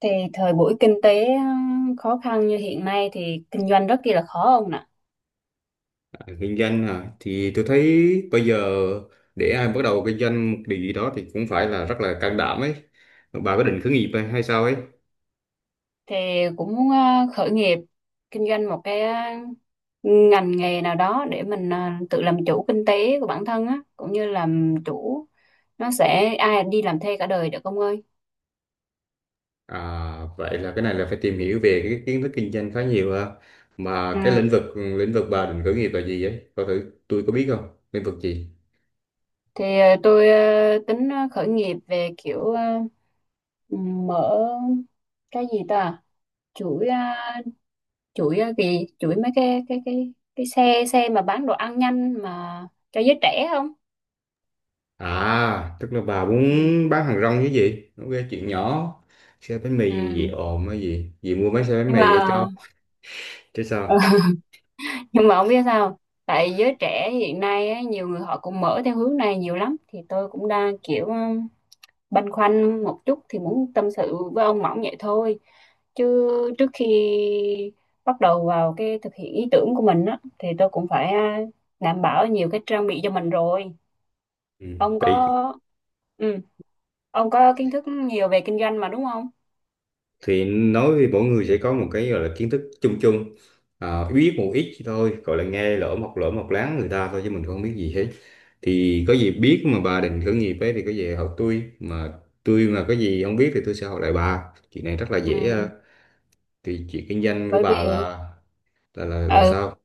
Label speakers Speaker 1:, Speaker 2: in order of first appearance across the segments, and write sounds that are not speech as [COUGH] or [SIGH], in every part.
Speaker 1: Thì thời buổi kinh tế khó khăn như hiện nay thì kinh doanh rất kia là khó ông nè.
Speaker 2: À, kinh doanh hả? Thì tôi thấy bây giờ để ai bắt đầu kinh doanh một điều gì đó thì cũng phải là rất là can đảm ấy. Bà có định khởi nghiệp hay hay sao ấy?
Speaker 1: Thì cũng muốn khởi nghiệp, kinh doanh một cái ngành nghề nào đó để mình tự làm chủ kinh tế của bản thân á, cũng như làm chủ. Nó sẽ, ai đi làm thuê cả đời được ông ơi.
Speaker 2: À, vậy là cái này là phải tìm hiểu về cái kiến thức kinh doanh khá nhiều ha.
Speaker 1: Ừ.
Speaker 2: Mà cái lĩnh vực bà định khởi nghiệp là gì ấy? Coi thử tôi có biết không? Lĩnh vực gì?
Speaker 1: Thì tôi tính khởi nghiệp về kiểu, mở cái gì ta? Chuỗi ờ, gì chuỗi mấy cái xe xe mà bán đồ ăn nhanh mà cho giới trẻ không,
Speaker 2: À, tức là bà
Speaker 1: ừ.
Speaker 2: muốn bán hàng rong chứ gì? Ok, chuyện nhỏ. Xe bánh mì
Speaker 1: Ừ.
Speaker 2: gì gì ồn hay gì? Gì mua mấy xe bánh
Speaker 1: Nhưng
Speaker 2: mì
Speaker 1: mà
Speaker 2: để cho chứ sao?
Speaker 1: [LAUGHS] nhưng mà không biết sao. Tại giới trẻ hiện nay á, nhiều người họ cũng mở theo hướng này nhiều lắm, thì tôi cũng đang kiểu, băn khoăn một chút, thì muốn tâm sự với ông Mỏng vậy thôi, chứ trước khi bắt đầu vào cái thực hiện ý tưởng của mình á, thì tôi cũng phải, đảm bảo nhiều cái trang bị cho mình rồi.
Speaker 2: Ừ.
Speaker 1: ông
Speaker 2: Vậy
Speaker 1: có ừ ông có kiến thức nhiều về kinh doanh mà, đúng không?
Speaker 2: thì nói với mỗi người sẽ có một cái gọi là kiến thức chung chung, à, biết một ít thôi gọi là nghe lỡ mọc láng người ta thôi chứ mình không biết gì hết. Thì có gì biết mà bà định khởi nghiệp ấy thì có gì học tôi, mà tôi mà có gì không biết thì tôi sẽ học lại bà, chuyện này rất là
Speaker 1: Ừ.
Speaker 2: dễ à. Thì chuyện kinh doanh của
Speaker 1: Bởi vì,
Speaker 2: bà là là
Speaker 1: ừ,
Speaker 2: sao?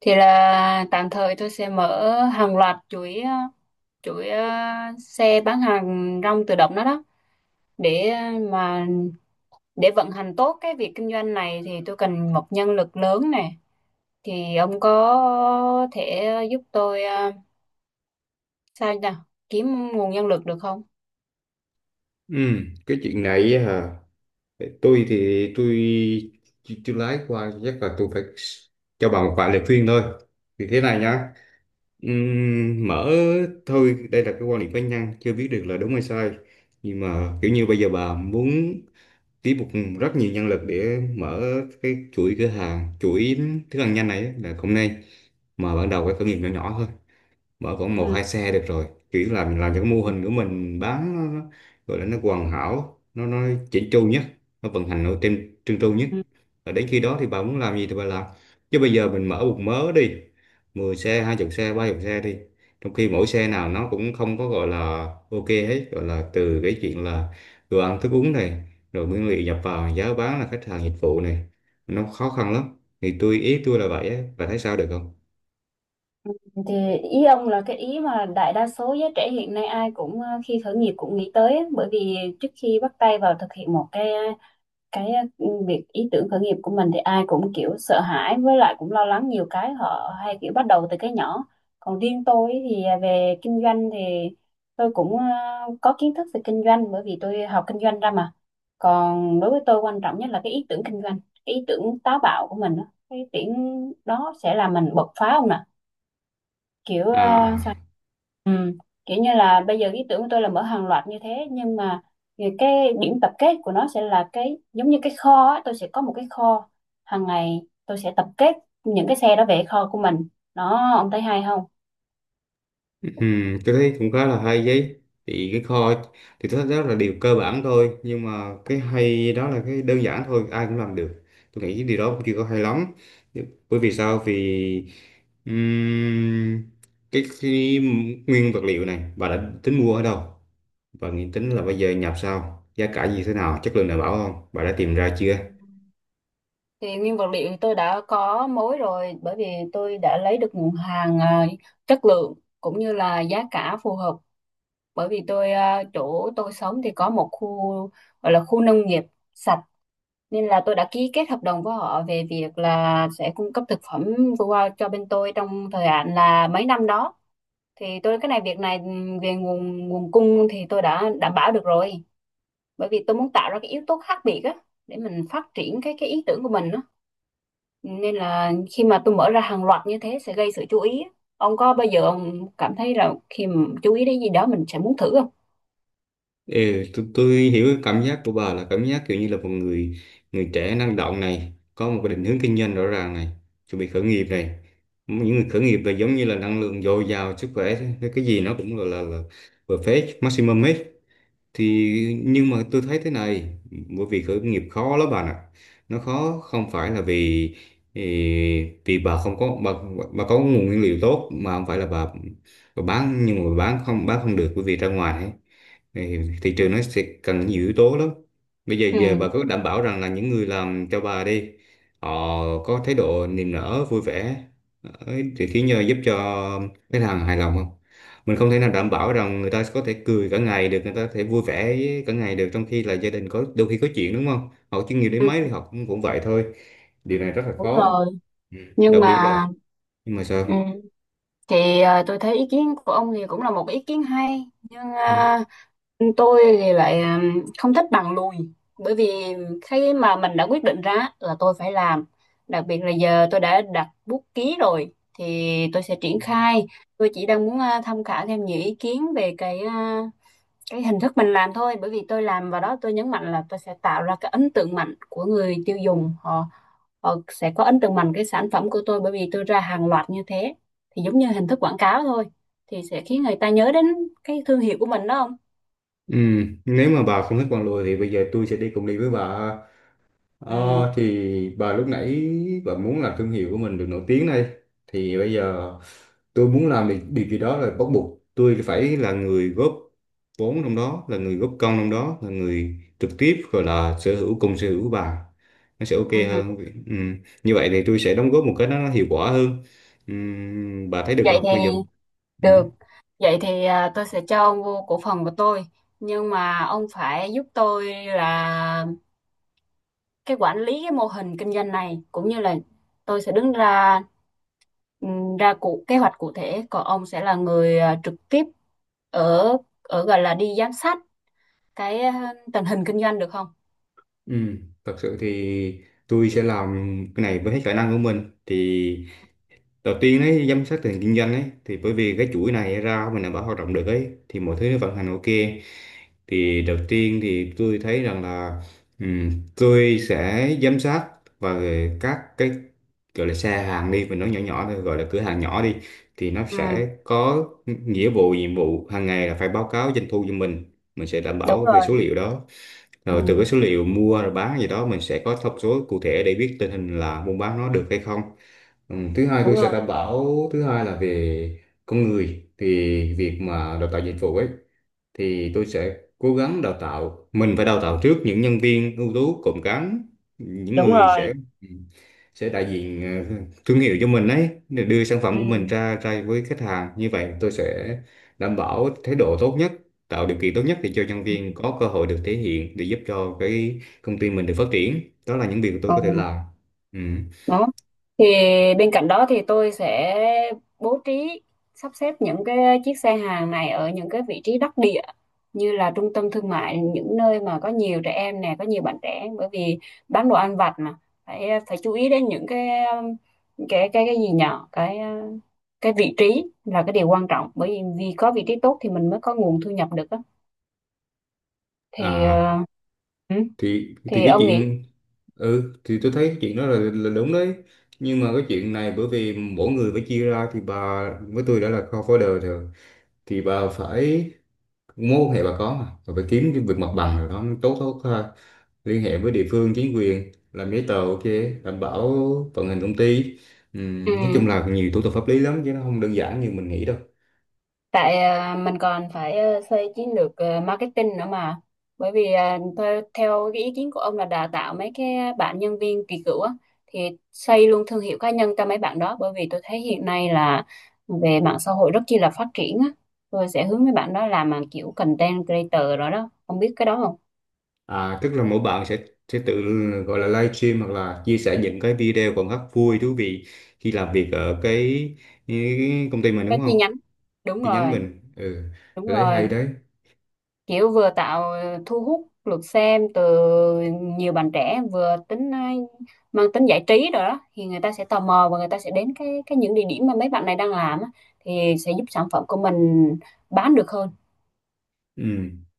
Speaker 1: thì là tạm thời tôi sẽ mở hàng loạt chuỗi, chuỗi ờ, xe bán hàng rong tự động đó đó. Để ờ, mà Để vận hành tốt cái việc kinh doanh này thì tôi cần một nhân lực lớn nè. Thì ông có thể giúp tôi, sao nhỉ? Kiếm nguồn nhân lực được không?
Speaker 2: Ừ, cái chuyện này á hả, tôi thì tôi lái qua chắc là tôi phải cho bà một vài lời khuyên thôi. Thì thế này nhá. Mở, thôi đây là cái quan điểm cá nhân chưa biết được là đúng hay sai, nhưng mà kiểu như bây giờ bà muốn tiếp một rất nhiều nhân lực để mở cái chuỗi cửa hàng chuỗi thức ăn nhanh này á, là không nên. Mà ban đầu cái khởi nghiệp nhỏ nhỏ thôi, mở khoảng
Speaker 1: Ừ.
Speaker 2: một hai xe được rồi, kiểu là mình làm cho cái mô hình của mình bán nó, nó gọi là nó hoàn hảo nó chỉnh chu nhất, nó vận hành nó trên trơn tru nhất.
Speaker 1: Ừ.
Speaker 2: Và đến khi đó thì bà muốn làm gì thì bà làm, chứ bây giờ mình mở một mớ đi, 10 xe hai chục xe ba chục xe đi, trong khi mỗi xe nào nó cũng không có gọi là ok hết, gọi là từ cái chuyện là đồ ăn thức uống này rồi nguyên liệu nhập vào giá bán là khách hàng dịch vụ này, nó khó khăn lắm. Thì tôi ý tôi là vậy á, bà thấy sao được không?
Speaker 1: Ừ, thì ý ông là cái ý mà đại đa số giới trẻ hiện nay ai cũng, khi khởi nghiệp cũng nghĩ tới á. Bởi vì trước khi bắt tay vào thực hiện một cái việc ý tưởng khởi nghiệp của mình, thì ai cũng kiểu sợ hãi, với lại cũng lo lắng nhiều cái họ hay kiểu bắt đầu từ cái nhỏ. Còn riêng tôi ấy thì về kinh doanh thì tôi cũng, có kiến thức về kinh doanh, bởi vì tôi học kinh doanh ra mà. Còn đối với tôi, quan trọng nhất là cái ý tưởng kinh doanh, cái ý tưởng táo bạo của mình á. Cái ý tưởng đó sẽ làm mình bật phá không nè, kiểu, sao,
Speaker 2: À.
Speaker 1: ừ. Kiểu như là bây giờ ý tưởng của tôi là mở hàng loạt như thế, nhưng mà cái điểm tập kết của nó sẽ là cái giống như cái kho á. Tôi sẽ có một cái kho, hàng ngày tôi sẽ tập kết những cái xe đó về kho của mình. Đó, ông thấy hay không?
Speaker 2: Ừ, tôi thấy cũng khá là hay đấy. Thì cái kho thì tôi thấy đó là điều cơ bản thôi, nhưng mà cái hay đó là cái đơn giản thôi ai cũng làm được, tôi nghĩ cái điều đó cũng chưa có hay lắm. Bởi vì sao, vì ừm, cái nguyên vật liệu này bà đã tính mua ở đâu, và nghĩ tính là bây giờ nhập sao giá cả như thế nào chất lượng đảm bảo không, bà đã tìm ra chưa?
Speaker 1: Thì nguyên vật liệu tôi đã có mối rồi, bởi vì tôi đã lấy được nguồn hàng, chất lượng cũng như là giá cả phù hợp. Bởi vì tôi, chỗ tôi sống thì có một khu gọi là khu nông nghiệp sạch. Nên là tôi đã ký kết hợp đồng với họ về việc là sẽ cung cấp thực phẩm vừa qua cho bên tôi trong thời hạn là mấy năm đó. Thì tôi, cái này việc này, về nguồn nguồn cung thì tôi đã đảm bảo được rồi. Bởi vì tôi muốn tạo ra cái yếu tố khác biệt á, để mình phát triển cái ý tưởng của mình á. Nên là khi mà tôi mở ra hàng loạt như thế sẽ gây sự chú ý á. Ông có bao giờ ông cảm thấy là khi mà chú ý đến gì đó, mình sẽ muốn thử không?
Speaker 2: Ừ, tôi hiểu cái cảm giác của bà là cảm giác kiểu như là một người người trẻ năng động này, có một cái định hướng kinh doanh rõ ràng này, chuẩn bị khởi nghiệp này. Những người khởi nghiệp là giống như là năng lượng dồi dào sức khỏe thế, cái gì nó cũng là perfect maximum hết. Thì nhưng mà tôi thấy thế này, bởi vì khởi nghiệp khó lắm bà ạ. Nó khó không phải là vì ì, vì bà không có bà có nguồn nguyên liệu tốt mà không phải là bà bán, nhưng mà bán không được, bởi vì ra ngoài ấy, thì thị trường nó sẽ cần nhiều yếu tố lắm. Bây giờ
Speaker 1: Ừ.
Speaker 2: giờ bà có đảm bảo rằng là những người làm cho bà đi, họ có thái độ niềm nở vui vẻ ấy, thì khiến nhờ giúp cho khách hàng hài lòng không? Mình không thể nào đảm bảo rằng người ta có thể cười cả ngày được, người ta có thể vui vẻ với cả ngày được, trong khi là gia đình có đôi khi có chuyện đúng không? Họ chuyên nghiệp đến
Speaker 1: Ừ,
Speaker 2: mấy thì họ cũng cũng vậy thôi. Điều này rất là
Speaker 1: đúng
Speaker 2: khó.
Speaker 1: rồi.
Speaker 2: Ừ.
Speaker 1: Nhưng
Speaker 2: Đặc biệt là,
Speaker 1: mà,
Speaker 2: nhưng mà
Speaker 1: ừ,
Speaker 2: sao?
Speaker 1: thì tôi thấy ý kiến của ông thì cũng là một ý kiến hay, nhưng
Speaker 2: Ừ.
Speaker 1: tôi thì lại, không thích bằng lùi. Bởi vì khi mà mình đã quyết định ra là tôi phải làm, đặc biệt là giờ tôi đã đặt bút ký rồi, thì tôi sẽ triển khai. Tôi chỉ đang muốn, tham khảo thêm nhiều ý kiến về cái hình thức mình làm thôi. Bởi vì tôi làm vào đó, tôi nhấn mạnh là tôi sẽ tạo ra cái ấn tượng mạnh của người tiêu dùng, họ họ sẽ có ấn tượng mạnh cái sản phẩm của tôi. Bởi vì tôi ra hàng loạt như thế thì giống như hình thức quảng cáo thôi, thì sẽ khiến người ta nhớ đến cái thương hiệu của mình, đó không?
Speaker 2: Ừ. Nếu mà bà không thích con lùi thì bây giờ tôi sẽ đi với bà. Ờ,
Speaker 1: Ừ,
Speaker 2: thì bà lúc nãy bà muốn làm thương hiệu của mình được nổi tiếng đây, thì bây giờ tôi muốn làm thì điều gì đó là bắt buộc tôi phải là người góp vốn trong đó, là người góp công trong đó, là người trực tiếp gọi là sở hữu cùng sở hữu bà, nó sẽ ok
Speaker 1: ừ.
Speaker 2: hơn. Ừ. Như vậy thì tôi sẽ đóng góp một cái nó hiệu quả hơn. Ừ. Bà thấy được
Speaker 1: Vậy
Speaker 2: không
Speaker 1: thì
Speaker 2: bây giờ? Ừ.
Speaker 1: được. Vậy thì, tôi sẽ cho ông vô cổ phần của tôi. Nhưng mà ông phải giúp tôi là cái quản lý cái mô hình kinh doanh này, cũng như là tôi sẽ đứng ra, ra cụ kế hoạch cụ thể. Còn ông sẽ là người, trực tiếp ở ở gọi là đi giám sát cái tình hình kinh doanh, được không?
Speaker 2: Ừ. Thật sự thì tôi sẽ làm cái này với hết khả năng của mình. Thì đầu tiên ấy, giám sát tình hình kinh doanh ấy, thì bởi vì cái chuỗi này ra mình đảm bảo hoạt động được ấy, thì mọi thứ nó vận hành ok. Thì đầu tiên thì tôi thấy rằng là ừm, tôi sẽ giám sát và các cái gọi là xe hàng đi, mình nói nhỏ nhỏ thôi, gọi là cửa hàng nhỏ đi, thì nó
Speaker 1: Ừ,
Speaker 2: sẽ có nghĩa vụ nhiệm vụ hàng ngày là phải báo cáo doanh thu cho mình sẽ đảm
Speaker 1: đúng
Speaker 2: bảo về
Speaker 1: rồi.
Speaker 2: số liệu đó,
Speaker 1: Ừ,
Speaker 2: rồi từ cái số liệu mua rồi bán gì đó mình sẽ có thông số cụ thể để biết tình hình là buôn bán nó được hay không. Ừ, thứ hai
Speaker 1: đúng
Speaker 2: tôi sẽ
Speaker 1: rồi,
Speaker 2: đảm bảo, thứ hai là về con người, thì việc mà đào tạo dịch vụ ấy thì tôi sẽ cố gắng đào tạo, mình phải đào tạo trước những nhân viên ưu tú cộm cán, những
Speaker 1: đúng
Speaker 2: người
Speaker 1: rồi.
Speaker 2: sẽ đại diện ờ, thương hiệu cho mình ấy, để đưa sản phẩm
Speaker 1: Ừ.
Speaker 2: của mình ra ra với khách hàng. Như vậy tôi sẽ đảm bảo thái độ tốt nhất, tạo điều kiện tốt nhất để cho nhân viên có cơ hội được thể hiện, để giúp cho cái công ty mình được phát triển. Đó là những việc tôi
Speaker 1: Ừ.
Speaker 2: có thể làm. Ừ.
Speaker 1: Đó, thì bên cạnh đó thì tôi sẽ bố trí, sắp xếp những cái chiếc xe hàng này ở những cái vị trí đắc địa, như là trung tâm thương mại, những nơi mà có nhiều trẻ em nè, có nhiều bạn trẻ. Bởi vì bán đồ ăn vặt mà, phải phải chú ý đến những cái cái gì nhỏ cái vị trí là cái điều quan trọng. Bởi vì vì có vị trí tốt thì mình mới có nguồn thu nhập được á. Thì,
Speaker 2: À,
Speaker 1: ừ,
Speaker 2: thì
Speaker 1: thì
Speaker 2: cái
Speaker 1: ông nghĩ.
Speaker 2: chuyện, ừ thì tôi thấy cái chuyện đó là đúng đấy. Nhưng mà cái chuyện này bởi vì mỗi người phải chia ra, thì bà với tôi đã là co-founder rồi, thì bà phải, mối quan hệ bà có mà, bà phải kiếm cái việc mặt bằng rồi đó, tốt tốt ha, liên hệ với địa phương chính quyền làm giấy tờ ok, đảm bảo vận hành công ty. Nói
Speaker 1: Ừ,
Speaker 2: chung là nhiều thủ tục pháp lý lắm chứ nó không đơn giản như mình nghĩ đâu.
Speaker 1: tại mình còn phải, xây chiến lược, marketing nữa mà. Bởi vì theo cái ý kiến của ông là đào tạo mấy cái bạn nhân viên kỳ cựu á, thì xây luôn thương hiệu cá nhân cho mấy bạn đó. Bởi vì tôi thấy hiện nay là về mạng xã hội rất chi là phát triển á. Tôi sẽ hướng mấy bạn đó làm mà kiểu content creator rồi đó, ông biết cái đó không?
Speaker 2: À, tức là mỗi bạn sẽ tự gọi là live stream hoặc là chia sẻ những cái video còn rất vui thú vị khi làm việc ở cái công ty mình
Speaker 1: Cái
Speaker 2: đúng
Speaker 1: chi
Speaker 2: không?
Speaker 1: nhánh. Đúng
Speaker 2: Chi nhánh
Speaker 1: rồi.
Speaker 2: mình. Ừ,
Speaker 1: Đúng
Speaker 2: tôi thấy hay
Speaker 1: rồi.
Speaker 2: đấy.
Speaker 1: Kiểu vừa tạo thu hút lượt xem từ nhiều bạn trẻ, vừa tính, mang tính giải trí rồi đó, thì người ta sẽ tò mò và người ta sẽ đến cái những địa điểm mà mấy bạn này đang làm á, thì sẽ giúp sản phẩm của mình bán được hơn.
Speaker 2: Ừ.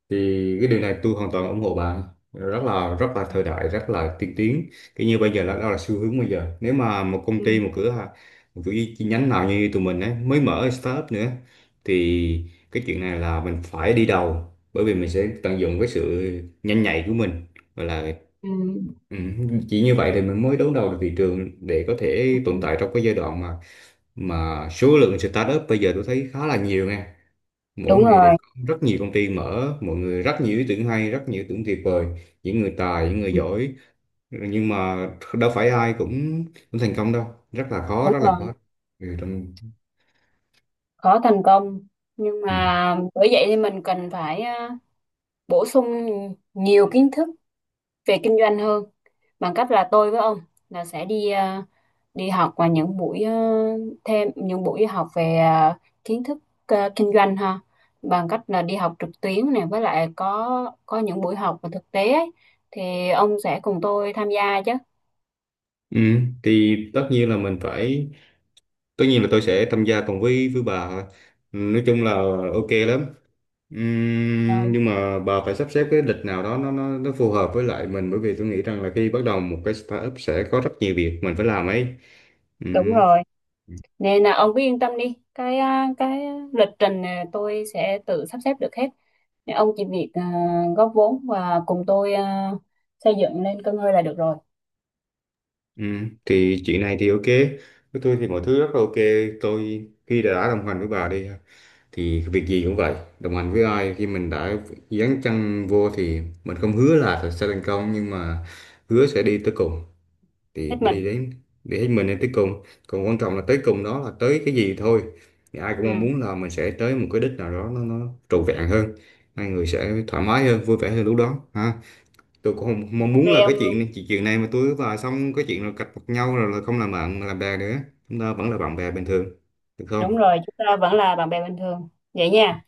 Speaker 2: Thì cái điều này tôi hoàn toàn ủng hộ bà. Rất là thời đại, rất là tiên tiến, cái như bây giờ là đó là xu hướng bây giờ. Nếu mà một công
Speaker 1: Ừ.
Speaker 2: ty, một cửa hàng, một chủ chi nhánh nào như tụi mình ấy mới mở startup nữa, thì cái chuyện này là mình phải đi đầu, bởi vì mình sẽ tận dụng cái sự nhanh nhạy của mình và là,
Speaker 1: Ừ.
Speaker 2: ừ, chỉ như vậy thì mình mới đấu đầu được thị trường để có thể tồn
Speaker 1: Ừ,
Speaker 2: tại trong cái giai đoạn mà số lượng startup bây giờ tôi thấy khá là nhiều nha. Mỗi
Speaker 1: đúng
Speaker 2: ngày đều
Speaker 1: rồi.
Speaker 2: có rất nhiều công ty mở, mọi người rất nhiều ý tưởng hay, rất nhiều ý tưởng tuyệt vời, những người tài những người
Speaker 1: Ừ,
Speaker 2: giỏi, nhưng mà đâu phải ai cũng cũng thành công đâu. rất là khó
Speaker 1: đúng
Speaker 2: rất là
Speaker 1: rồi,
Speaker 2: khó Ừ, trong...
Speaker 1: khó thành công. Nhưng
Speaker 2: Ừ.
Speaker 1: mà bởi vậy thì mình cần phải, bổ sung nhiều kiến thức về kinh doanh hơn, bằng cách là tôi với ông là sẽ đi, đi học và những buổi, thêm những buổi học về, kiến thức, kinh doanh ha. Bằng cách là đi học trực tuyến này, với lại có những buổi học và thực tế ấy, thì ông sẽ cùng tôi tham gia chứ?
Speaker 2: Ừ, thì tất nhiên là mình phải, tất nhiên là tôi sẽ tham gia cùng với bà thôi. Ừ, nói chung là ok lắm.
Speaker 1: Rồi,
Speaker 2: Nhưng mà bà phải sắp xếp cái lịch nào đó nó phù hợp với lại mình, bởi vì tôi nghĩ rằng là khi bắt đầu một cái startup sẽ có rất nhiều việc mình phải làm ấy.
Speaker 1: đúng
Speaker 2: Ừm.
Speaker 1: rồi, nên là ông cứ yên tâm đi. Cái lịch trình này tôi sẽ tự sắp xếp được hết. Nên ông chỉ việc, góp vốn và cùng tôi, xây dựng lên cơ ngơi là được rồi.
Speaker 2: Ừ, thì chuyện này thì ok, với tôi thì mọi thứ rất là ok. Tôi khi đã đồng hành với bà đi thì việc gì cũng vậy, đồng hành với ai khi mình đã dấn chân vô thì mình không hứa là sẽ thành công, nhưng mà hứa sẽ đi tới cùng. Thì
Speaker 1: Hết
Speaker 2: đi
Speaker 1: mình.
Speaker 2: đến, đi hết mình đến tới cùng, còn quan trọng là tới cùng đó là tới cái gì thôi. Thì ai cũng
Speaker 1: Ừ.
Speaker 2: mong muốn là mình sẽ tới một cái đích nào đó nó trọn vẹn hơn, hai người sẽ thoải mái hơn vui vẻ hơn lúc đó ha. Tôi cũng không mong
Speaker 1: OK
Speaker 2: muốn là cái
Speaker 1: ông luôn.
Speaker 2: chuyện chuyện chuyện này mà tôi và xong cái chuyện là cạch mặt nhau rồi là không làm bạn làm bè nữa. Chúng ta vẫn là bạn bè bình thường, được
Speaker 1: Đúng
Speaker 2: không?
Speaker 1: rồi, chúng ta vẫn là bạn bè bình thường vậy nha.